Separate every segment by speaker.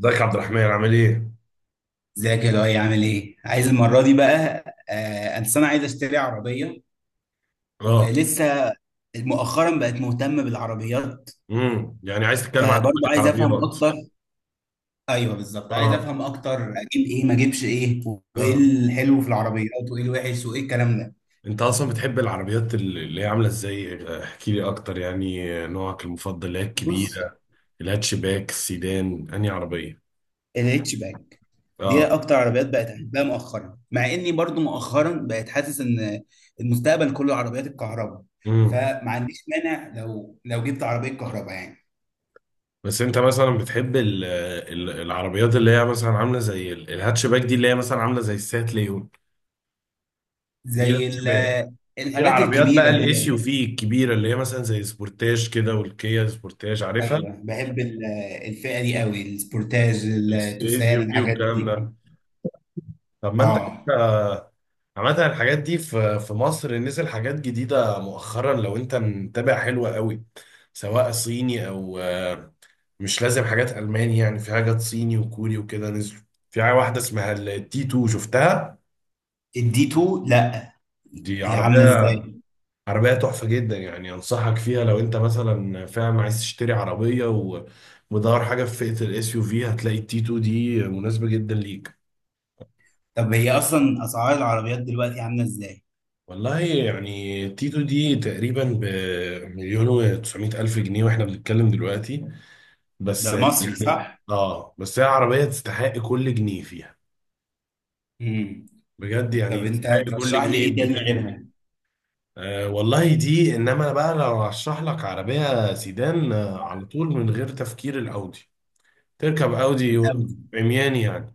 Speaker 1: ازيك يا عبد الرحمن عامل ايه؟
Speaker 2: ازيك يا لؤي، عامل ايه؟ عايز المرة دي بقى. آه، أصل أنا عايز أشتري عربية
Speaker 1: اه.
Speaker 2: ولسه. مؤخرا بقت مهتمة بالعربيات،
Speaker 1: يعني عايز تتكلم عن
Speaker 2: فبرضه
Speaker 1: توبيك
Speaker 2: عايز أفهم
Speaker 1: العربيات.
Speaker 2: أكتر. أيوه بالظبط، عايز
Speaker 1: اه.
Speaker 2: أفهم أكتر أجيب إيه ما أجيبش إيه، وإيه
Speaker 1: اه،
Speaker 2: الحلو في العربيات وإيه الوحش وإيه الكلام ده.
Speaker 1: انت اصلا بتحب العربيات اللي هي عامله ازاي؟ احكي لي اكتر، يعني نوعك المفضل اللي هي
Speaker 2: بص،
Speaker 1: الكبيره، الهاتشباك، السيدان، انهي عربيه؟
Speaker 2: الاتش باك دي
Speaker 1: اه.
Speaker 2: أكتر عربيات بقت أحبها مؤخرا، مع إني برضه مؤخرا بقت حاسس إن المستقبل كله عربيات الكهرباء،
Speaker 1: امم
Speaker 2: فما عنديش مانع لو جبت عربية كهرباء يعني.
Speaker 1: بس انت مثلا بتحب العربيات اللي هي مثلا عامله زي الهاتشباك دي، اللي هي مثلا عامله زي السات ليون؟ دي
Speaker 2: زي
Speaker 1: الهاتشباك.
Speaker 2: ال-
Speaker 1: في
Speaker 2: الحاجات
Speaker 1: العربيات بقى
Speaker 2: الكبيرة دي
Speaker 1: الاس يو
Speaker 2: أنا.
Speaker 1: في الكبيره اللي هي مثلا زي سبورتاج كده، والكيا سبورتاج، عارفها؟
Speaker 2: أيوه بحب الفئة دي قوي، السبورتاج
Speaker 1: استيز
Speaker 2: التوسان
Speaker 1: يوجي
Speaker 2: الحاجات
Speaker 1: والكلام
Speaker 2: دي.
Speaker 1: ده. طب ما انت
Speaker 2: اه،
Speaker 1: كده. عامة الحاجات دي في مصر نزل حاجات جديدة مؤخرا لو انت متابع، حلوة قوي، سواء صيني او مش لازم حاجات ألماني، يعني في حاجات صيني وكوري وكده نزلوا. في حاجة واحدة اسمها التي 2 شفتها؟
Speaker 2: الدي 2، لا
Speaker 1: دي
Speaker 2: هي عاملة
Speaker 1: عربية
Speaker 2: ازاي؟
Speaker 1: عربية تحفة جدا، يعني أنصحك فيها لو أنت مثلا فعلا عايز تشتري عربية ومدور حاجة في فئة الإس يو في، هتلاقي التي 2 دي مناسبة جدا ليك.
Speaker 2: طب هي أصلا أسعار العربيات دلوقتي عاملة ازاي؟
Speaker 1: والله يعني تيتو دي تقريبا بمليون وتسعمائة ألف جنيه واحنا بنتكلم دلوقتي، بس
Speaker 2: ده مصري
Speaker 1: يعني
Speaker 2: صح؟
Speaker 1: اه، بس هي عربية تستحق كل جنيه فيها.
Speaker 2: امم.
Speaker 1: بجد
Speaker 2: طب
Speaker 1: يعني
Speaker 2: أنت
Speaker 1: تستحق كل
Speaker 2: ترشح لي
Speaker 1: جنيه
Speaker 2: إيه تاني
Speaker 1: يدفع فيها.
Speaker 2: غيرها؟
Speaker 1: آه والله دي، انما انا بقى لو هشرح لك عربية سيدان، على طول من غير تفكير، الأودي. تركب أودي
Speaker 2: الأودي،
Speaker 1: عميان يعني.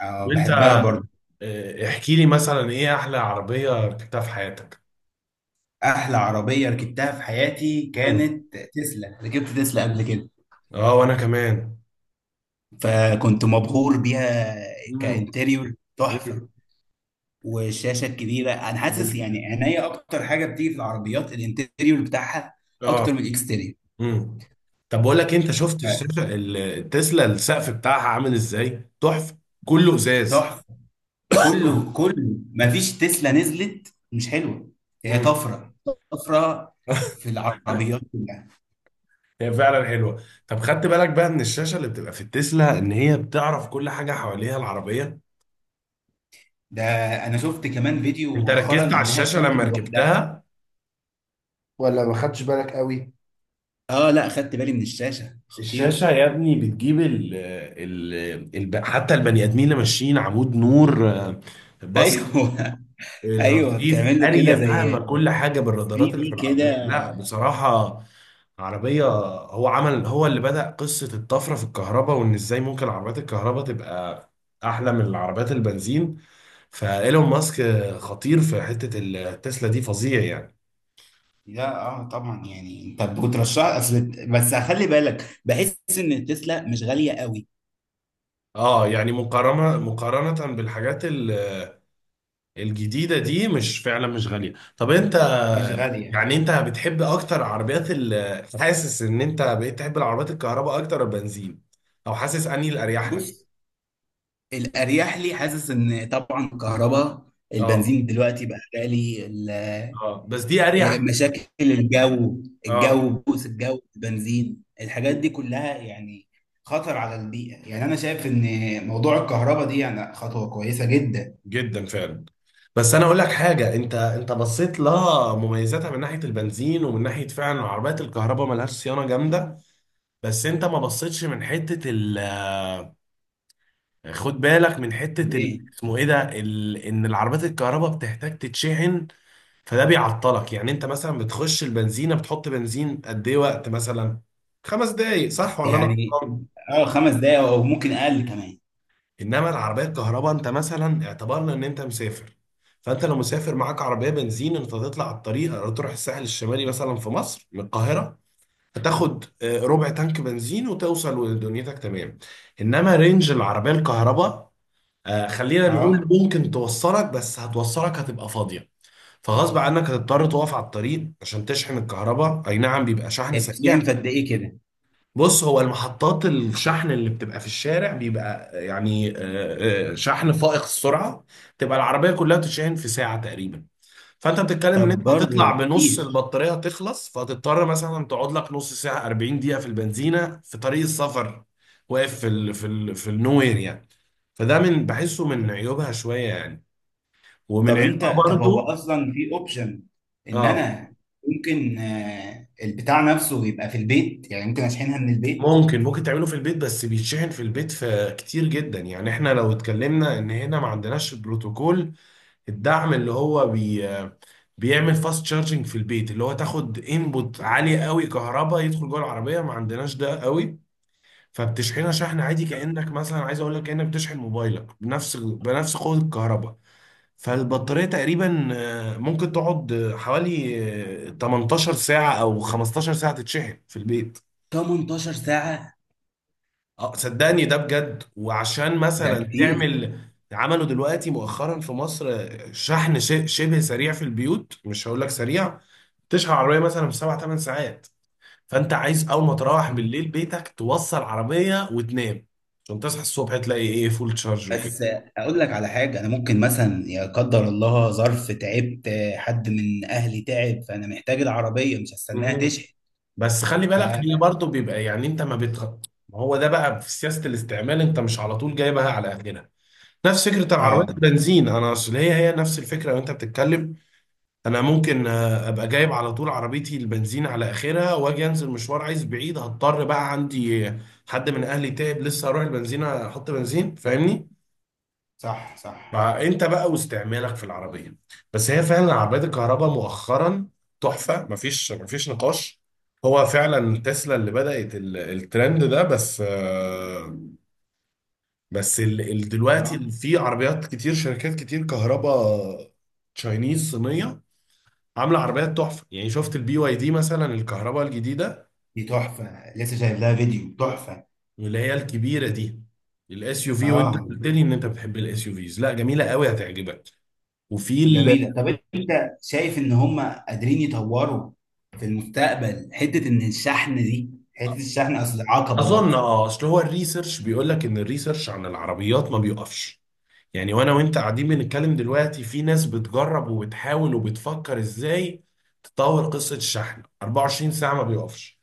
Speaker 2: اه
Speaker 1: وانت
Speaker 2: بحبها برضه.
Speaker 1: احكي لي مثلا ايه احلى عربية ركبتها في حياتك؟
Speaker 2: أحلى عربية ركبتها في حياتي
Speaker 1: مم.
Speaker 2: كانت تسلا، ركبت تسلا قبل كده
Speaker 1: اه وانا كمان.
Speaker 2: فكنت مبهور بيها.
Speaker 1: مم.
Speaker 2: كانتريور تحفة، والشاشه الكبيره، انا حاسس
Speaker 1: مم.
Speaker 2: يعني عينيا اكتر حاجه بتيجي في العربيات الانتيريور بتاعها
Speaker 1: اه.
Speaker 2: اكتر من الاكستيريور.
Speaker 1: امم طب بقول لك إيه، انت شفت الشاشه التسلا، السقف بتاعها عامل ازاي تحفه، كله ازاز.
Speaker 2: تحفه، كله كله مفيش تسلا نزلت مش حلوه. هي
Speaker 1: امم.
Speaker 2: طفره، طفره في العربيات كلها.
Speaker 1: هي فعلا حلوه. طب خدت بالك بقى من الشاشه اللي بتبقى في التسلا ان هي بتعرف كل حاجه حواليها العربيه؟
Speaker 2: ده انا شفت كمان فيديو
Speaker 1: انت ركزت
Speaker 2: مؤخرا
Speaker 1: على
Speaker 2: انها
Speaker 1: الشاشه لما
Speaker 2: بتركب لوحدها.
Speaker 1: ركبتها ولا ما خدتش بالك قوي؟
Speaker 2: اه لا، خدت بالي من الشاشه، خطيره.
Speaker 1: الشاشة يا ابني بتجيب ال حتى البني آدمين اللي ماشيين عمود نور، بص،
Speaker 2: ايوه ايوه
Speaker 1: الرصيف،
Speaker 2: بتعمل له كده
Speaker 1: قارية
Speaker 2: زي
Speaker 1: فاهمة كل
Speaker 2: 3
Speaker 1: حاجة بالرادارات اللي في
Speaker 2: دي كده.
Speaker 1: العربية، لا بصراحة عربية. هو اللي بدأ قصة الطفرة في الكهرباء، وإن إزاي ممكن عربيات الكهرباء تبقى أحلى من العربيات البنزين. فإيلون ماسك خطير في حتة التسلا دي، فظيع يعني.
Speaker 2: لا اه طبعا، يعني انت بترشح اصل، بس خلي بالك، بحس ان التسلا مش غاليه قوي.
Speaker 1: اه يعني مقارنة مقارنة بالحاجات الجديدة دي، مش فعلا مش غالية. طب انت،
Speaker 2: مش غاليه.
Speaker 1: يعني انت بتحب اكتر عربيات ال، حاسس ان انت بقيت تحب العربيات الكهرباء اكتر ولا البنزين، او حاسس انهي الاريح لك؟
Speaker 2: بص، الاريح لي حاسس ان طبعا كهرباء.
Speaker 1: اه.
Speaker 2: البنزين دلوقتي بقى غالي.
Speaker 1: اه بس دي اريح.
Speaker 2: مشاكل الجو، الجو
Speaker 1: اه
Speaker 2: بوس الجو البنزين الحاجات دي كلها يعني، خطر على البيئه. يعني انا شايف ان موضوع الكهرباء دي يعني خطوه كويسه جدا.
Speaker 1: جدا فعلا. بس انا اقول لك حاجه، انت بصيت لها مميزاتها من ناحيه البنزين ومن ناحيه فعلا عربيات الكهرباء ملهاش صيانه جامده، بس انت ما بصيتش من حته ال، خد بالك من حته ال،
Speaker 2: ايه؟
Speaker 1: اسمه ايه ده، ال ان العربيات الكهرباء بتحتاج تتشحن، فده بيعطلك. يعني انت مثلا بتخش البنزينه بتحط بنزين قد ايه وقت، مثلا 5 دقايق صح ولا انا
Speaker 2: يعني
Speaker 1: غلطان؟
Speaker 2: اه 5 دقايق او ممكن اقل كمان.
Speaker 1: انما العربيه الكهرباء، انت مثلا اعتبرنا ان انت مسافر، فانت لو مسافر معاك عربيه بنزين انت هتطلع على الطريق أو تروح الساحل الشمالي مثلا في مصر من القاهره، هتاخد ربع تانك بنزين وتوصل ودنيتك تمام. انما رينج العربيه الكهرباء، خلينا نقول
Speaker 2: اه،
Speaker 1: ممكن توصلك بس هتوصلك هتبقى فاضيه. فغصب عنك هتضطر تقف على الطريق عشان تشحن الكهرباء، اي نعم بيبقى شحن
Speaker 2: بتتكلم في
Speaker 1: سريع.
Speaker 2: قد ايه كده؟
Speaker 1: بص، هو المحطات الشحن اللي بتبقى في الشارع بيبقى يعني شحن فائق السرعة، تبقى العربية كلها تشحن في ساعة تقريبا. فانت بتتكلم ان
Speaker 2: طب
Speaker 1: انت هتطلع
Speaker 2: برضه
Speaker 1: بنص
Speaker 2: كتير.
Speaker 1: البطارية تخلص فهتضطر مثلا تقعد لك نص ساعة 40 دقيقة في البنزينة في طريق السفر، واقف في النوير يعني. فده من بحسه من
Speaker 2: طب
Speaker 1: عيوبها شوية يعني. ومن
Speaker 2: طب
Speaker 1: عيوبها
Speaker 2: انت طب هو
Speaker 1: برضو.
Speaker 2: اصلا في اوبشن ان
Speaker 1: اه.
Speaker 2: انا ممكن، البتاع نفسه يبقى في البيت، يعني ممكن اشحنها من البيت.
Speaker 1: ممكن تعمله في البيت، بس بيتشحن في البيت في كتير جدا يعني. احنا لو اتكلمنا ان هنا ما عندناش بروتوكول الدعم اللي هو بيعمل فاست تشارجنج في البيت، اللي هو تاخد انبوت عالية قوي كهرباء يدخل جوه العربية، ما عندناش ده قوي. فبتشحنها شحن عادي، كأنك مثلا عايز اقول لك كأنك بتشحن موبايلك بنفس قوة الكهرباء. فالبطارية تقريبا ممكن تقعد حوالي 18 ساعة او 15 ساعة تتشحن في البيت.
Speaker 2: 18 ساعة؟
Speaker 1: اه صدقني ده بجد. وعشان
Speaker 2: ده
Speaker 1: مثلا
Speaker 2: كتير.
Speaker 1: تعمل، عملوا دلوقتي مؤخرا في مصر شحن شبه سريع في البيوت، مش هقول لك سريع، تشحن عربيه مثلا في 7 8 ساعات. فانت عايز اول ما تروح بالليل بيتك توصل عربيه وتنام، عشان تصحى الصبح تلاقي ايه، فول تشارج وكده.
Speaker 2: بس اقول لك على حاجة، انا ممكن مثلا يا قدر الله ظرف تعبت، حد من اهلي تعب، فانا محتاج العربية مش هستناها
Speaker 1: مهم.
Speaker 2: تشحن.
Speaker 1: بس خلي
Speaker 2: ف
Speaker 1: بالك هي برضو بيبقى يعني انت ما بتخ... ما هو ده بقى في سياسة الاستعمال، انت مش على طول جايبها على اخرها، نفس فكرة العربيات
Speaker 2: اه
Speaker 1: البنزين. انا اصل هي نفس الفكرة وانت بتتكلم. انا ممكن ابقى جايب على طول عربيتي البنزين على اخرها واجي انزل مشوار عايز بعيد، هضطر بقى عندي حد من اهلي تعب لسه هروح البنزينه احط بنزين، فاهمني؟
Speaker 2: صح صح.
Speaker 1: بقى انت بقى واستعمالك في العربيه. بس هي فعلا عربيات الكهرباء مؤخرا تحفه، مفيش نقاش. هو فعلا تسلا اللي بدأت الترند ده، بس بس دلوقتي
Speaker 2: آه.
Speaker 1: في عربيات كتير شركات كتير كهرباء، تشاينيز صينيه، عامله عربيات تحفه. يعني شفت البي واي دي مثلا الكهرباء الجديده؟
Speaker 2: دي تحفة، لسه شايف لها فيديو تحفة.
Speaker 1: اللي هي الكبيره دي، الاس يو في، وانت
Speaker 2: اه
Speaker 1: قلت لي ان انت بتحب الاس يو فيز، لا جميله قوي هتعجبك. وفي ال...
Speaker 2: جميلة. طب انت شايف ان هم قادرين يطوروا في المستقبل، حتة ان الشحن دي حتة الشحن اصل عقبة
Speaker 1: اظن
Speaker 2: برضه؟
Speaker 1: اه، اصل هو الريسيرش بيقول لك ان الريسيرش عن العربيات ما بيقفش، يعني وانا وانت قاعدين بنتكلم دلوقتي في ناس بتجرب وبتحاول وبتفكر ازاي تطور قصة الشحن، 24 ساعة ما بيقفش.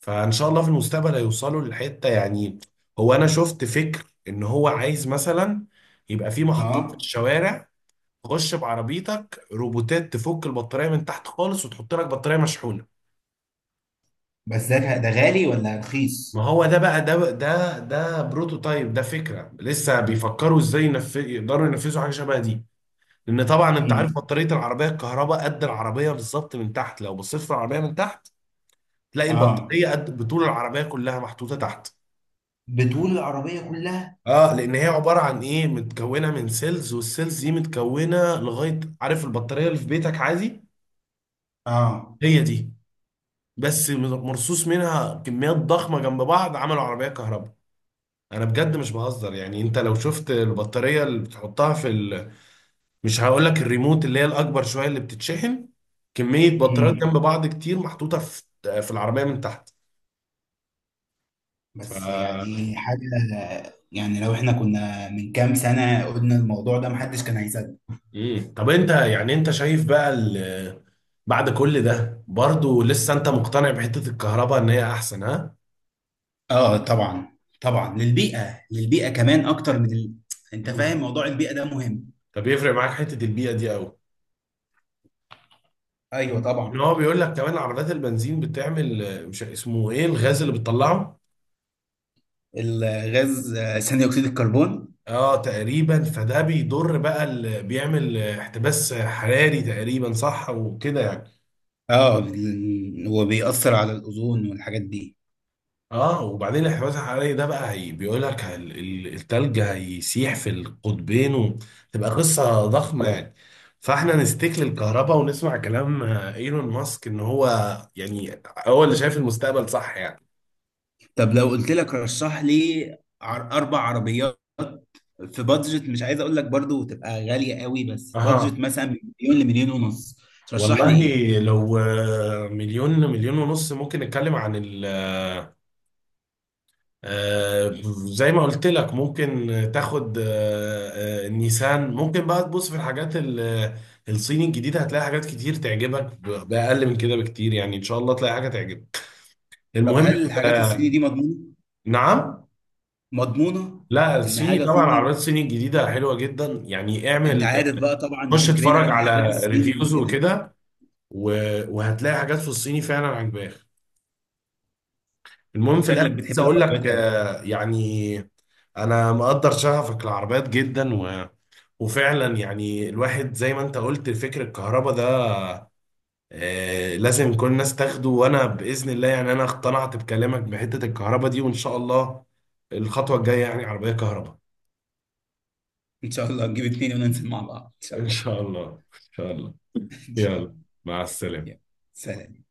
Speaker 1: فان شاء الله في المستقبل هيوصلوا للحتة يعني. هو انا شفت فكر ان هو عايز مثلا يبقى في محطات في
Speaker 2: اه
Speaker 1: الشوارع تخش بعربيتك روبوتات تفك البطارية من تحت خالص وتحط لك بطارية مشحونة.
Speaker 2: بس ده غالي ولا
Speaker 1: ما
Speaker 2: رخيص؟
Speaker 1: هو ده بقى، ده بروتوتايب، ده فكرة لسه بيفكروا ازاي يقدروا ينفذوا حاجة شبه دي. لان طبعا انت
Speaker 2: امم.
Speaker 1: عارف بطاريه العربيه الكهرباء قد العربيه بالظبط من تحت، لو بصيت في العربيه من تحت تلاقي
Speaker 2: اه،
Speaker 1: البطاريه قد بطول العربيه كلها محطوطه تحت.
Speaker 2: بطول العربية كلها.
Speaker 1: اه لان هي عباره عن ايه، متكونه من سيلز، والسيلز دي متكونه لغايه، عارف البطاريه اللي في بيتك عادي؟
Speaker 2: اه،
Speaker 1: هي دي، بس مرصوص منها كميات ضخمه جنب بعض، عملوا عربيه كهرباء. انا بجد مش بهزر يعني، انت لو شفت البطاريه اللي بتحطها في، مش هقول لك الريموت اللي هي الاكبر شويه اللي بتتشحن، كميه بطاريات جنب
Speaker 2: امم،
Speaker 1: بعض كتير محطوطه في العربيه من تحت. ف،
Speaker 2: بس يعني حاجة، يعني لو احنا كنا من كام سنة قلنا الموضوع ده محدش كان هيصدق.
Speaker 1: مم. طب انت يعني انت شايف بقى ال... بعد كل ده برضو لسه انت مقتنع بحته الكهرباء ان هي احسن، ها؟
Speaker 2: اه طبعا طبعا، للبيئة للبيئة كمان اكتر من ال... انت فاهم
Speaker 1: مم.
Speaker 2: موضوع البيئة ده مهم.
Speaker 1: طب يفرق معاك حته البيئه دي قوي،
Speaker 2: ايوه
Speaker 1: ان إن
Speaker 2: طبعا.
Speaker 1: هو بيقول لك كمان عربيات البنزين بتعمل مش اسمه ايه الغاز اللي بتطلعه؟
Speaker 2: الغاز، ثاني اكسيد الكربون.
Speaker 1: اه تقريبا، فده بيضر بقى ال... بيعمل احتباس حراري تقريبا صح وكده يعني.
Speaker 2: اه، هو بيأثر على الاوزون والحاجات دي.
Speaker 1: اه، وبعدين الانحباس الحراري ده بقى هي بيقول لك التلج هيسيح في القطبين وتبقى قصة ضخمة يعني. فاحنا نستك للكهرباء ونسمع كلام ايلون ماسك ان هو يعني هو اللي شايف المستقبل، صح يعني.
Speaker 2: طب لو قلت لك رشح لي اربع عربيات في بادجت، مش عايز اقول لك برضو تبقى غالية قوي، بس بادجت
Speaker 1: اه.
Speaker 2: مثلا من مليون لمليون ونص. ترشح لي
Speaker 1: والله،
Speaker 2: ايه؟
Speaker 1: لو مليون مليون ونص، ممكن نتكلم عن ال، آه، زي ما قلت لك ممكن تاخد النيسان، ممكن بقى تبص في الحاجات الصيني الجديدة، هتلاقي حاجات كتير تعجبك بأقل من كده بكتير يعني، إن شاء الله تلاقي حاجة تعجبك.
Speaker 2: طب
Speaker 1: المهم
Speaker 2: هل الحاجات الصيني
Speaker 1: آه،
Speaker 2: دي مضمونة؟
Speaker 1: نعم.
Speaker 2: مضمونة.
Speaker 1: لا
Speaker 2: ان
Speaker 1: الصيني
Speaker 2: حاجة
Speaker 1: طبعا، العربيات
Speaker 2: صيني،
Speaker 1: الصيني الجديدة حلوة جدا يعني،
Speaker 2: انت
Speaker 1: اعمل
Speaker 2: عارف بقى طبعا
Speaker 1: خش
Speaker 2: فكرنا
Speaker 1: اتفرج
Speaker 2: عن الحاجات
Speaker 1: على
Speaker 2: الصيني
Speaker 1: ريفيوز
Speaker 2: وكده.
Speaker 1: وكده، وهتلاقي حاجات في الصيني فعلا عجباك. المهم في الآخر
Speaker 2: شكلك
Speaker 1: عايز
Speaker 2: بتحب
Speaker 1: أقول لك
Speaker 2: العربيات قوي.
Speaker 1: يعني أنا مقدر شغفك العربيات جدا، وفعلا يعني الواحد زي ما انت قلت فكر الكهرباء ده لازم كل الناس تاخده، وانا باذن الله يعني انا اقتنعت بكلامك بحته الكهرباء دي، وان شاء الله الخطوه الجايه يعني عربيه كهرباء.
Speaker 2: ان شاء الله نجيب اتنين وننزل مع بعض ان شاء
Speaker 1: ان
Speaker 2: الله.
Speaker 1: شاء الله ان شاء الله.
Speaker 2: ان شاء
Speaker 1: يلا،
Speaker 2: الله.
Speaker 1: مع
Speaker 2: يلا.
Speaker 1: السلامه.
Speaker 2: سلام